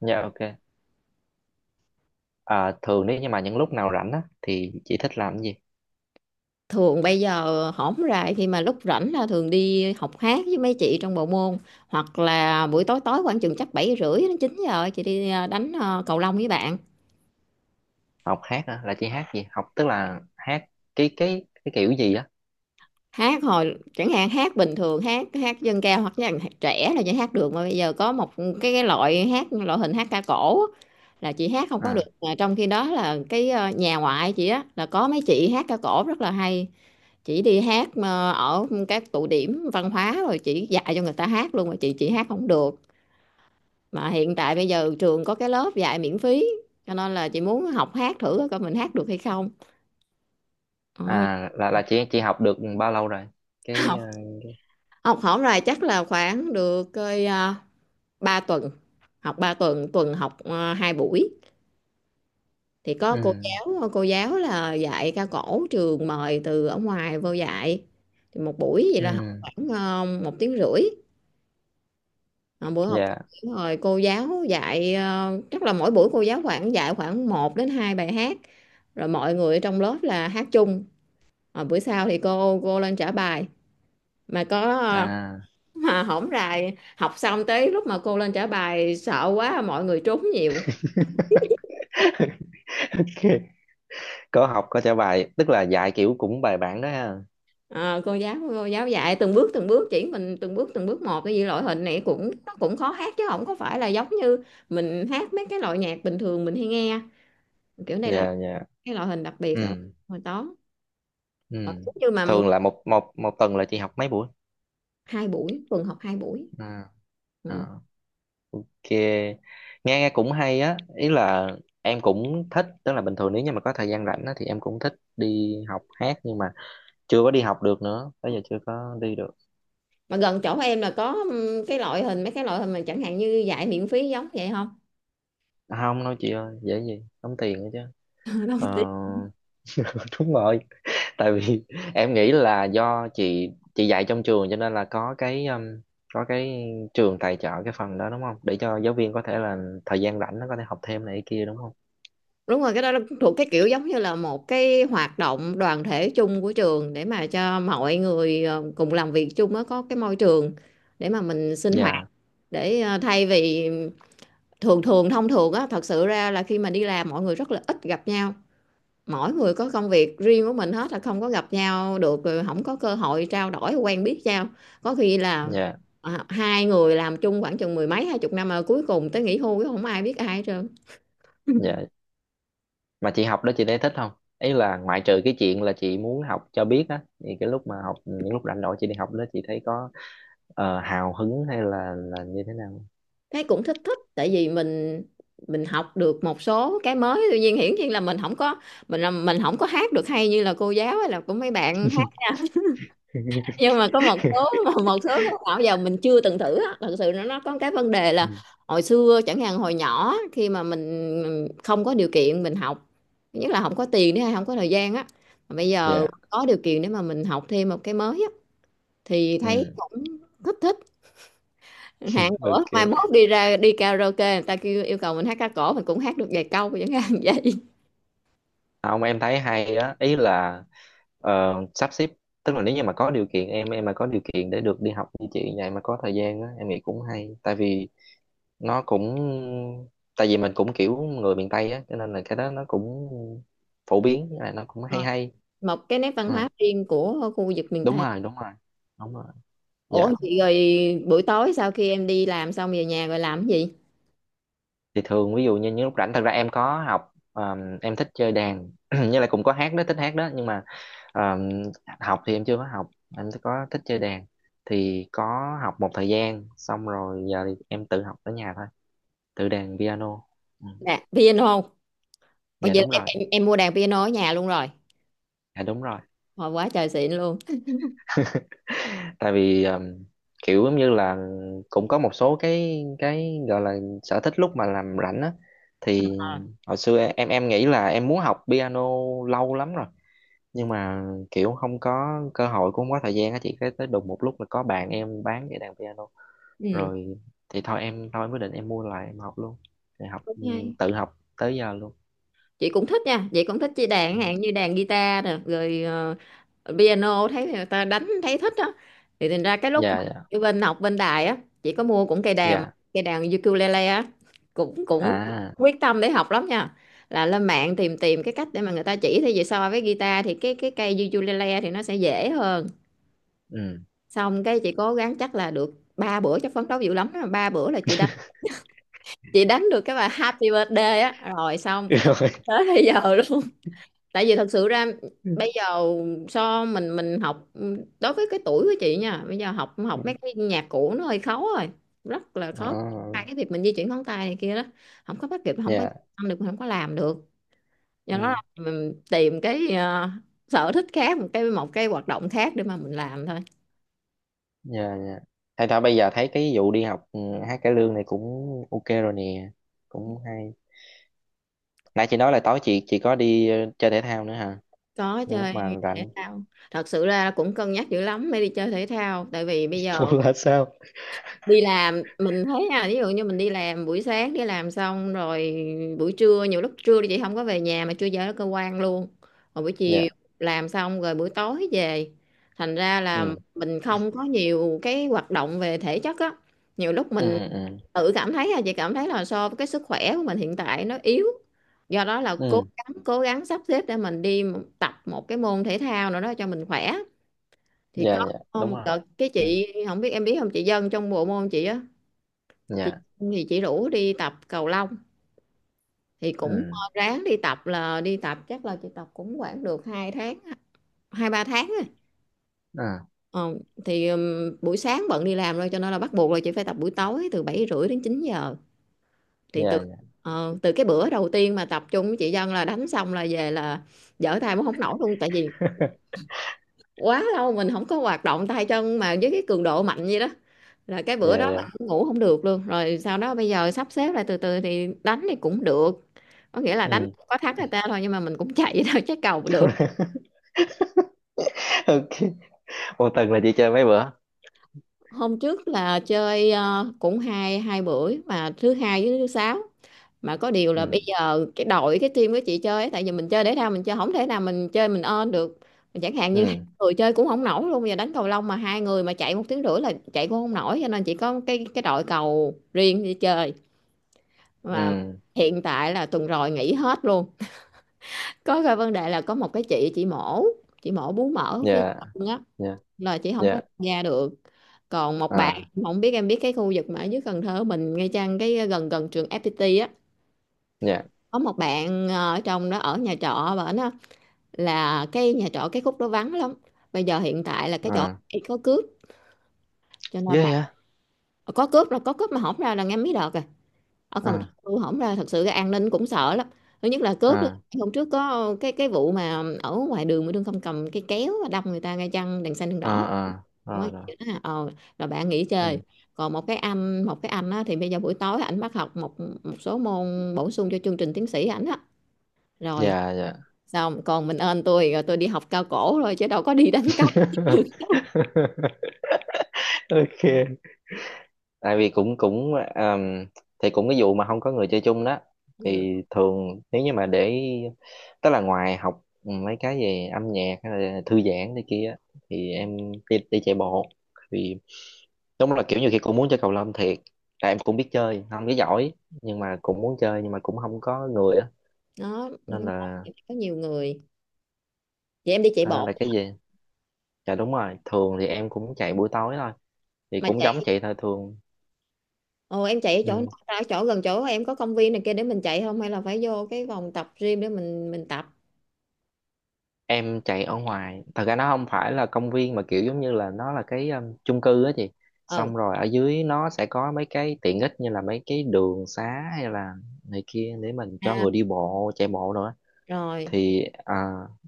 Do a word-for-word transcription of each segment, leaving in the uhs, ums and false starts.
Dạ ok. À, thường nếu như mà những lúc nào rảnh á thì chị thích làm cái gì? Thường bây giờ hổng rày khi mà lúc rảnh là thường đi học hát với mấy chị trong bộ môn, hoặc là buổi tối tối khoảng chừng chắc bảy rưỡi đến chín giờ chị đi ờ, đánh ờ, cầu lông với bạn. Học hát á, là chị hát gì? Học tức là hát cái cái cái kiểu gì á? Hát hồi chẳng hạn hát bình thường, hát hát dân ca hoặc là hát trẻ là chỉ hát được, mà bây giờ có một cái cái loại hát loại hình hát ca cổ á, là chị hát không có À, được, mà trong khi đó là cái ờ, nhà ngoại chị á là có mấy chị hát ca cổ rất là hay. Chị đi hát mà ở các tụ điểm văn hóa rồi chị dạy cho người ta hát luôn mà chị chị hát không được, mà hiện tại bây giờ trường có cái lớp dạy miễn phí, cho nên là chị muốn học hát thử coi mình hát được hay không. Ờ, à là là chị chị học được bao lâu rồi? Cái ờ, học học hỏng rồi chắc là khoảng được coi ba tuần, học ba tuần tuần học uh, hai buổi, thì có ừ cô giáo cô giáo là dạy ca cổ trường mời từ ở ngoài vô dạy. Thì một buổi vậy là học ừ khoảng uh, một tiếng rưỡi. Ờ, buổi học dạ rồi cô giáo dạy, ờ, chắc là mỗi buổi cô giáo khoảng dạy khoảng một đến hai bài hát, rồi mọi người ở trong lớp là hát chung. Ờ, bữa sau thì cô cô lên trả bài mà có ờ, à mà hổng rày học xong tới lúc mà cô lên trả bài sợ quá mọi người trốn nhiều. ok. Có học có trả bài, tức là dạy kiểu cũng bài bản đó ha. Ờ, cô giáo cô giáo dạy từng bước từng bước, chỉ mình từng bước từng bước một, cái gì loại hình này cũng nó cũng khó hát chứ không có phải là giống như mình hát mấy cái loại nhạc bình thường mình hay nghe. Kiểu này là Dạ dạ. cái loại hình đặc biệt á, Ừ hồi đó. ừ. Còn giống như mà Thường là một một một tuần là chị học mấy buổi? hai buổi, tuần học hai buổi, À, ừ. à, kìa, nghe nghe cũng hay á, ý là em cũng thích, tức là bình thường nếu như mà có thời gian rảnh á, thì em cũng thích đi học hát nhưng mà chưa có đi học được nữa, tới giờ chưa có đi được. Mà gần chỗ em là có ừ, cái loại hình mấy cái loại hình mà chẳng hạn như dạy miễn phí giống vậy không? À, không, nói chị ơi dễ gì tốn tiền nữa chứ. Đâu, Ờ, đúng rồi, tại vì em nghĩ là do chị chị dạy trong trường cho nên là có cái um, có cái trường tài trợ cái phần đó đúng không, để cho giáo viên có thể là thời gian rảnh nó có thể học thêm này kia đúng không. đúng rồi cái đó là thuộc cái kiểu giống như là một cái hoạt động đoàn thể chung của trường để mà cho mọi người ờ, cùng làm việc chung á, có cái môi trường để mà mình sinh hoạt, Dạ để ờ, thay vì thường thường thông thường á, thật sự ra là khi mà đi làm mọi người rất là ít gặp nhau, mỗi người có công việc riêng của mình hết là không có gặp nhau được, rồi không có cơ hội trao đổi quen biết nhau, có khi là dạ ờ, hai người làm chung khoảng chừng mười mấy hai chục năm mà cuối cùng tới nghỉ hưu cũng không ai biết ai hết trơn. dạ. Mà chị học đó chị thấy thích không? Ý là ngoại trừ cái chuyện là chị muốn học cho biết á, thì cái lúc mà học những lúc rảnh rỗi chị đi học đó chị thấy có ờ, hào hứng hay là là như thế nào? Thấy cũng thích thích, tại vì mình mình học được một số cái mới, tuy nhiên hiển nhiên là mình không có, mình là mình không có hát được hay như là cô giáo hay là của mấy bạn hát, nhưng mà có một số một số cái nào giờ mình chưa từng thử á, thật sự nó nó có cái vấn đề là Ừ. hồi xưa chẳng hạn hồi nhỏ khi mà mình không có điều kiện mình học. Thứ nhất là không có tiền nữa hay không có thời gian á, mà bây giờ Dạ. có điều kiện để mà mình học thêm một cái mới á thì thấy Ừ. cũng thích thích. Hạn nữa mai Ok, mốt đi ra đi karaoke người ta kêu yêu cầu mình hát ca cổ mình cũng hát được vài câu chẳng hạn vậy. không em thấy hay á, ý là ờ, sắp xếp, tức là nếu như mà có điều kiện, em em mà có điều kiện để được đi học như chị vậy mà có thời gian á, em nghĩ cũng hay, tại vì nó cũng, tại vì mình cũng kiểu người miền Tây á cho nên là cái đó nó cũng phổ biến, là nó cũng Rồi, hay hay. một cái nét văn Ừ. hóa riêng của khu vực miền Đúng Tây. rồi, đúng rồi, đúng rồi. Ủa Dạ, chị rồi, buổi tối sau khi em đi làm xong về nhà rồi làm cái gì? thì thường ví dụ như những lúc rảnh, thật ra em có học ờm, em thích chơi đàn như là cũng có hát đó, thích hát đó nhưng mà ờm, học thì em chưa có học. Em có thích chơi đàn, thì có học một thời gian xong rồi giờ thì em tự học ở nhà thôi, tự đàn piano. Ừ. Nè piano. Ủa Dạ vậy là đúng em, rồi. em em mua đàn piano ở nhà luôn rồi, Dạ đúng rồi. hồi quá trời xịn luôn. Tại vì um, kiểu giống như là cũng có một số cái cái gọi là sở thích lúc mà làm rảnh á, thì hồi xưa em em nghĩ là em muốn học piano lâu lắm rồi, nhưng mà kiểu không có cơ hội, cũng không có thời gian á chị, cái tới đùng một lúc là có bạn em bán cái đàn piano Ừ rồi, thì thôi em, thôi em quyết định em mua lại, em học luôn. Thì học cũng ừ, hay, tự học tới giờ luôn. chị cũng thích nha, chị cũng thích chơi Ừ. đàn hạn như đàn guitar nè rồi ờ, piano thấy người ta đánh thấy thích á. Thì thành ra cái lúc mà Dạ dạ ở bên học bên đài á, chị có mua cũng cây đàn dạ. cây đàn ukulele á, cũng cũng À. quyết tâm để học lắm nha. Là lên mạng tìm tìm cái cách để mà người ta chỉ thì về, so với guitar thì cái cái cây ukulele thì nó sẽ dễ hơn. Ừ. Xong cái chị cố gắng chắc là được ba bữa, chắc phấn đấu dữ lắm á. Ba bữa là chị đánh chị đánh được cái bài Happy Birthday á rồi xong t- Rồi. tới bây giờ luôn. Tại vì thật sự ra bây giờ so mình mình học đối với cái tuổi của chị nha, bây giờ học học mấy cái nhạc cũ nó hơi khó rồi, rất là khó. À, Hai cái việc mình di chuyển ngón tay này kia đó không có bắt kịp, không có dạ. ăn được, mình không có làm được. Do đó Ừ. là mình tìm cái ờ, sở thích khác, một cái một cái hoạt động khác để mà mình làm thôi. Dạ dạ. Thay đó bây giờ thấy cái vụ đi học ừ, hát cải lương này cũng ok rồi nè, cũng hay. Nãy chị nói là tối chị chị có đi ờ, chơi thể thao nữa hả? Có Nên chơi lúc mà thể rảnh. thao. Thật sự ra cũng cân nhắc dữ lắm mới đi chơi thể thao, tại vì bây giờ Cô là sao? đi làm mình thấy nha, ví dụ như mình đi làm buổi sáng đi làm xong rồi buổi trưa, nhiều lúc trưa thì chị không có về nhà mà trưa giờ ở cơ quan luôn, rồi buổi chiều Dạ. làm xong rồi buổi tối về, thành ra là Ừ mình không có nhiều cái hoạt động về thể chất á. Nhiều lúc ừ mình ừ tự cảm thấy là chị cảm thấy là so với cái sức khỏe của mình hiện tại nó yếu, do đó là cố ừ. gắng cố gắng sắp xếp để mình đi tập một cái môn thể thao nào đó cho mình khỏe. Thì Dạ dạ có đúng một rồi. đợt cái Ừ. chị không biết em biết không chị Dân trong bộ môn chị á, chị Dạ. thì chị rủ đi tập cầu lông, thì cũng ờ, Ừ ráng đi tập, là đi tập chắc là chị tập cũng khoảng được hai tháng, hai ba tháng á. ừ. Ờ, thì ừm, buổi sáng bận đi làm rồi cho nên là bắt buộc là chị phải tập buổi tối từ bảy rưỡi đến chín giờ, thì từ Dạ dạ. ờ, từ cái bữa đầu tiên mà tập chung với chị Dân là đánh xong là về là dở tay cũng không nổi luôn, tại vì quá lâu mình không có hoạt động tay chân mà với cái cường độ mạnh vậy đó. Là cái Dạ bữa đó là dạ. ngủ không được luôn, rồi sau đó bây giờ sắp xếp lại từ từ thì đánh thì cũng được, có nghĩa là đánh Ừ. có thắng người ta thôi nhưng mà mình cũng chạy vậy thôi chứ cầu được. Ok, một tuần là chị chơi mấy bữa? Hôm trước là chơi ờ, cũng hai hai buổi mà thứ hai với thứ sáu. Mà có điều là bây Ừ giờ cái đội cái team của chị chơi ấy, tại vì mình chơi thể thao mình chơi không thể nào mình chơi mình ơn được, chẳng hạn như hai ừ người chơi cũng không nổi luôn, bây giờ đánh cầu lông mà hai người mà chạy một tiếng rưỡi là chạy cũng không nổi, cho nên chỉ có cái cái đội cầu riêng đi chơi. Mà ừ. hiện tại là tuần rồi nghỉ hết luôn. Có cái vấn đề là có một cái chị chị mổ chị mổ bú mỡ ở phía Dạ sau á, dạ là chị không có dạ. tham gia được. Còn một bạn, À. không biết em biết cái khu vực mà ở dưới Cần Thơ mình ngay chăng cái ờ, gần gần trường ép pê tê á, Dạ. có một bạn ờ, ở trong đó ở nhà trọ và nó là cái nhà trọ cái khúc đó vắng lắm, bây giờ hiện tại là cái chỗ À, ấy có cướp, cho ghê nên bạn vậy. ờ, có cướp là có cướp mà hổng ra là nghe mấy đợt rồi. Ở Cần Thơ À tôi hổng ra thật sự cái an ninh cũng sợ lắm, thứ nhất là cướp. à. Hôm trước có cái cái vụ mà ở ngoài đường mà đương không cầm cái kéo đâm người ta ngay chăng đèn xanh đèn À đỏ. à. Đúng Rồi rồi, rồi. vậy đó hả? Ờ, rồi bạn nghỉ chơi. Ừ. Còn một cái anh một cái anh á, thì bây giờ buổi tối ảnh bắt học một một số môn bổ sung cho chương trình tiến sĩ ảnh á. Rồi Dạ dạ. xong còn mình ơn tôi rồi, tôi đi học cao cổ rồi chứ đâu có đi đánh cầu. Ok, tại vì cũng cũng um, thì cũng cái vụ mà không có người chơi chung đó. Ừ. Thì thường nếu như mà để, tức là ngoài học mấy cái về âm nhạc hay là thư giãn này kia á, thì em đi, đi chạy bộ thì đúng là kiểu như khi cũng muốn chơi cầu lông thiệt, tại em cũng biết chơi không biết giỏi, nhưng mà cũng muốn chơi, nhưng mà cũng không có người á, Đó nên là, có nhiều người vậy em đi chạy nên bộ là cái gì. Dạ đúng rồi, thường thì em cũng chạy buổi tối thôi, thì mà cũng giống chạy. chạy thôi thường. Ồ em chạy ở chỗ nào? Ừ. Ra ở chỗ gần chỗ em có công viên này kia để mình chạy không hay là phải vô cái vòng tập gym để mình mình tập? Em chạy ở ngoài, thật ra nó không phải là công viên mà kiểu giống như là nó là cái um, chung cư á chị, Ừ. xong rồi ở dưới nó sẽ có mấy cái tiện ích như là mấy cái đường xá hay là này kia để mình cho À, người đi bộ chạy bộ nữa, rồi thì à,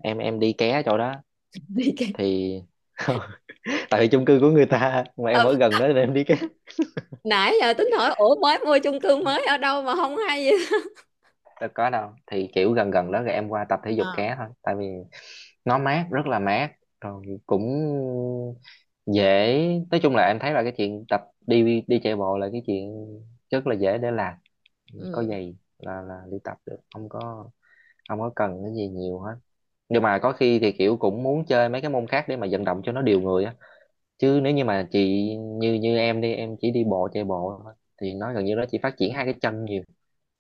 em em đi ké chỗ đó đi cái. thì tại vì chung cư của người ta mà em Ờ, ở gần đó nên em đi ké. nãy giờ tính hỏi ủa mới mua chung cư mới ở đâu mà không hay. Đâu có đâu, thì kiểu gần gần đó rồi em qua tập thể dục Ờ, ké thôi, tại vì nó mát, rất là mát, rồi cũng dễ. Nói chung là em thấy là cái chuyện tập đi, đi chạy bộ là cái chuyện rất là dễ để làm, có ừ. giày là là đi tập được, không có, không có cần cái gì nhiều hết. Nhưng mà có khi thì kiểu cũng muốn chơi mấy cái môn khác để mà vận động cho nó điều người á, chứ nếu như mà chị như, như em đi em chỉ đi bộ chạy bộ thôi thì nó gần như nó chỉ phát triển hai cái chân nhiều,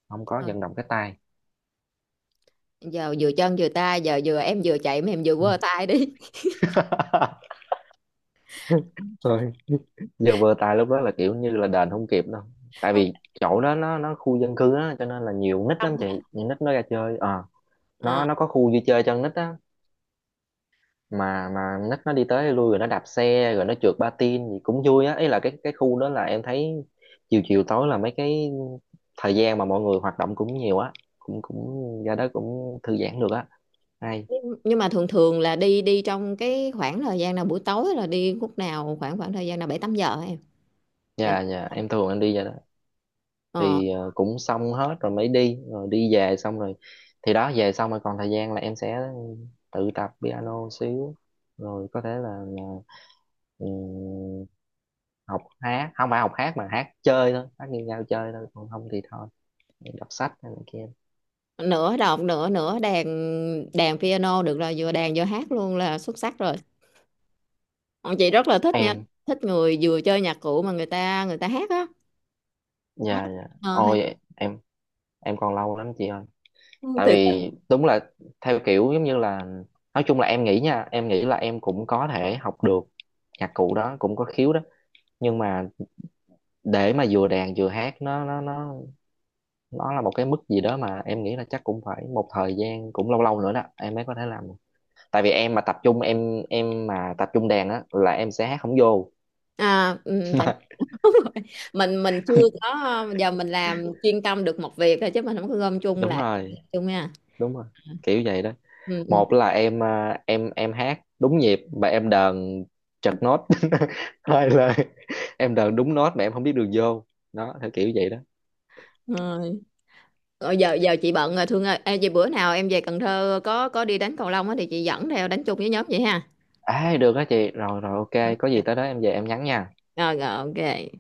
không có Rồi. vận động cái tay. Giờ vừa chân vừa tay, giờ vừa em vừa chạy mà em vừa quơ tay đi. Ừ. Rồi. Giờ vừa tài lúc đó là kiểu như là đền không kịp đâu, tại Không, vì chỗ đó nó nó khu dân cư á cho nên là nhiều nít xong lắm chị, hả? nhiều nít nó ra chơi. Ờ, nó Ờ, nó có khu vui chơi cho con nít á, mà mà nít nó đi tới lui rồi nó đạp xe rồi nó trượt patin gì cũng vui á, ý là cái cái khu đó là em thấy chiều chiều tối là mấy cái thời gian mà mọi người hoạt động cũng nhiều á, cũng cũng ra đó cũng thư giãn được á, hay. nhưng mà thường thường là đi đi trong cái khoảng thời gian nào buổi tối, là đi lúc nào, khoảng khoảng thời gian nào, bảy tám giờ hả em? Bảy- Dạ dạ, em thường em đi ra đó ờ, thì ờ, cũng xong hết rồi mới đi, rồi đi về xong rồi thì đó, về xong rồi còn thời gian là em sẽ tự tập piano xíu, rồi có thể là ừ, học hát, không phải học hát mà hát chơi thôi, hát nghiêng nhau chơi thôi, còn không thì thôi đọc sách hay này kia. Nửa đọc nửa nửa đàn, đàn piano được rồi vừa đàn vừa hát luôn là xuất sắc rồi. Ờ, chị rất là thích nha, Em. thích người vừa chơi nhạc cụ mà người ta người ta hát á. Hát, Dạ dạ ờ, hay. ôi em em còn lâu lắm chị ơi, Ừ, tại từ từ. vì đúng là theo kiểu giống như là, nói chung là em nghĩ nha, em nghĩ là em cũng có thể học được nhạc cụ đó, cũng có khiếu đó, nhưng mà để mà vừa đàn vừa hát nó nó nó nó là một cái mức gì đó mà em nghĩ là chắc cũng phải một thời gian cũng lâu lâu nữa đó em mới có thể làm được. Tại vì em mà tập trung, em em mà tập trung đàn á là em sẽ hát không vô. À, ừ, tại. Đúng rồi. mình mình chưa có, giờ mình làm chuyên tâm được một việc thôi chứ mình không có gom chung Đúng lại rồi, chung nha. đúng rồi, kiểu vậy đó. Ừ, ừ. Một là em à, em em hát đúng nhịp mà em đờn trật nốt, hai là em đờn đúng nốt mà em không biết đường vô, đó theo kiểu vậy đó. Rồi. Rồi giờ giờ chị bận rồi Thương ơi. Ê, vậy bữa nào em về Cần Thơ có có đi đánh cầu lông á thì chị dẫn theo đánh chung với nhóm vậy ha? À được đó chị, rồi rồi Rồi ok, có gì tới đó em về em nhắn nha. rồi, ok.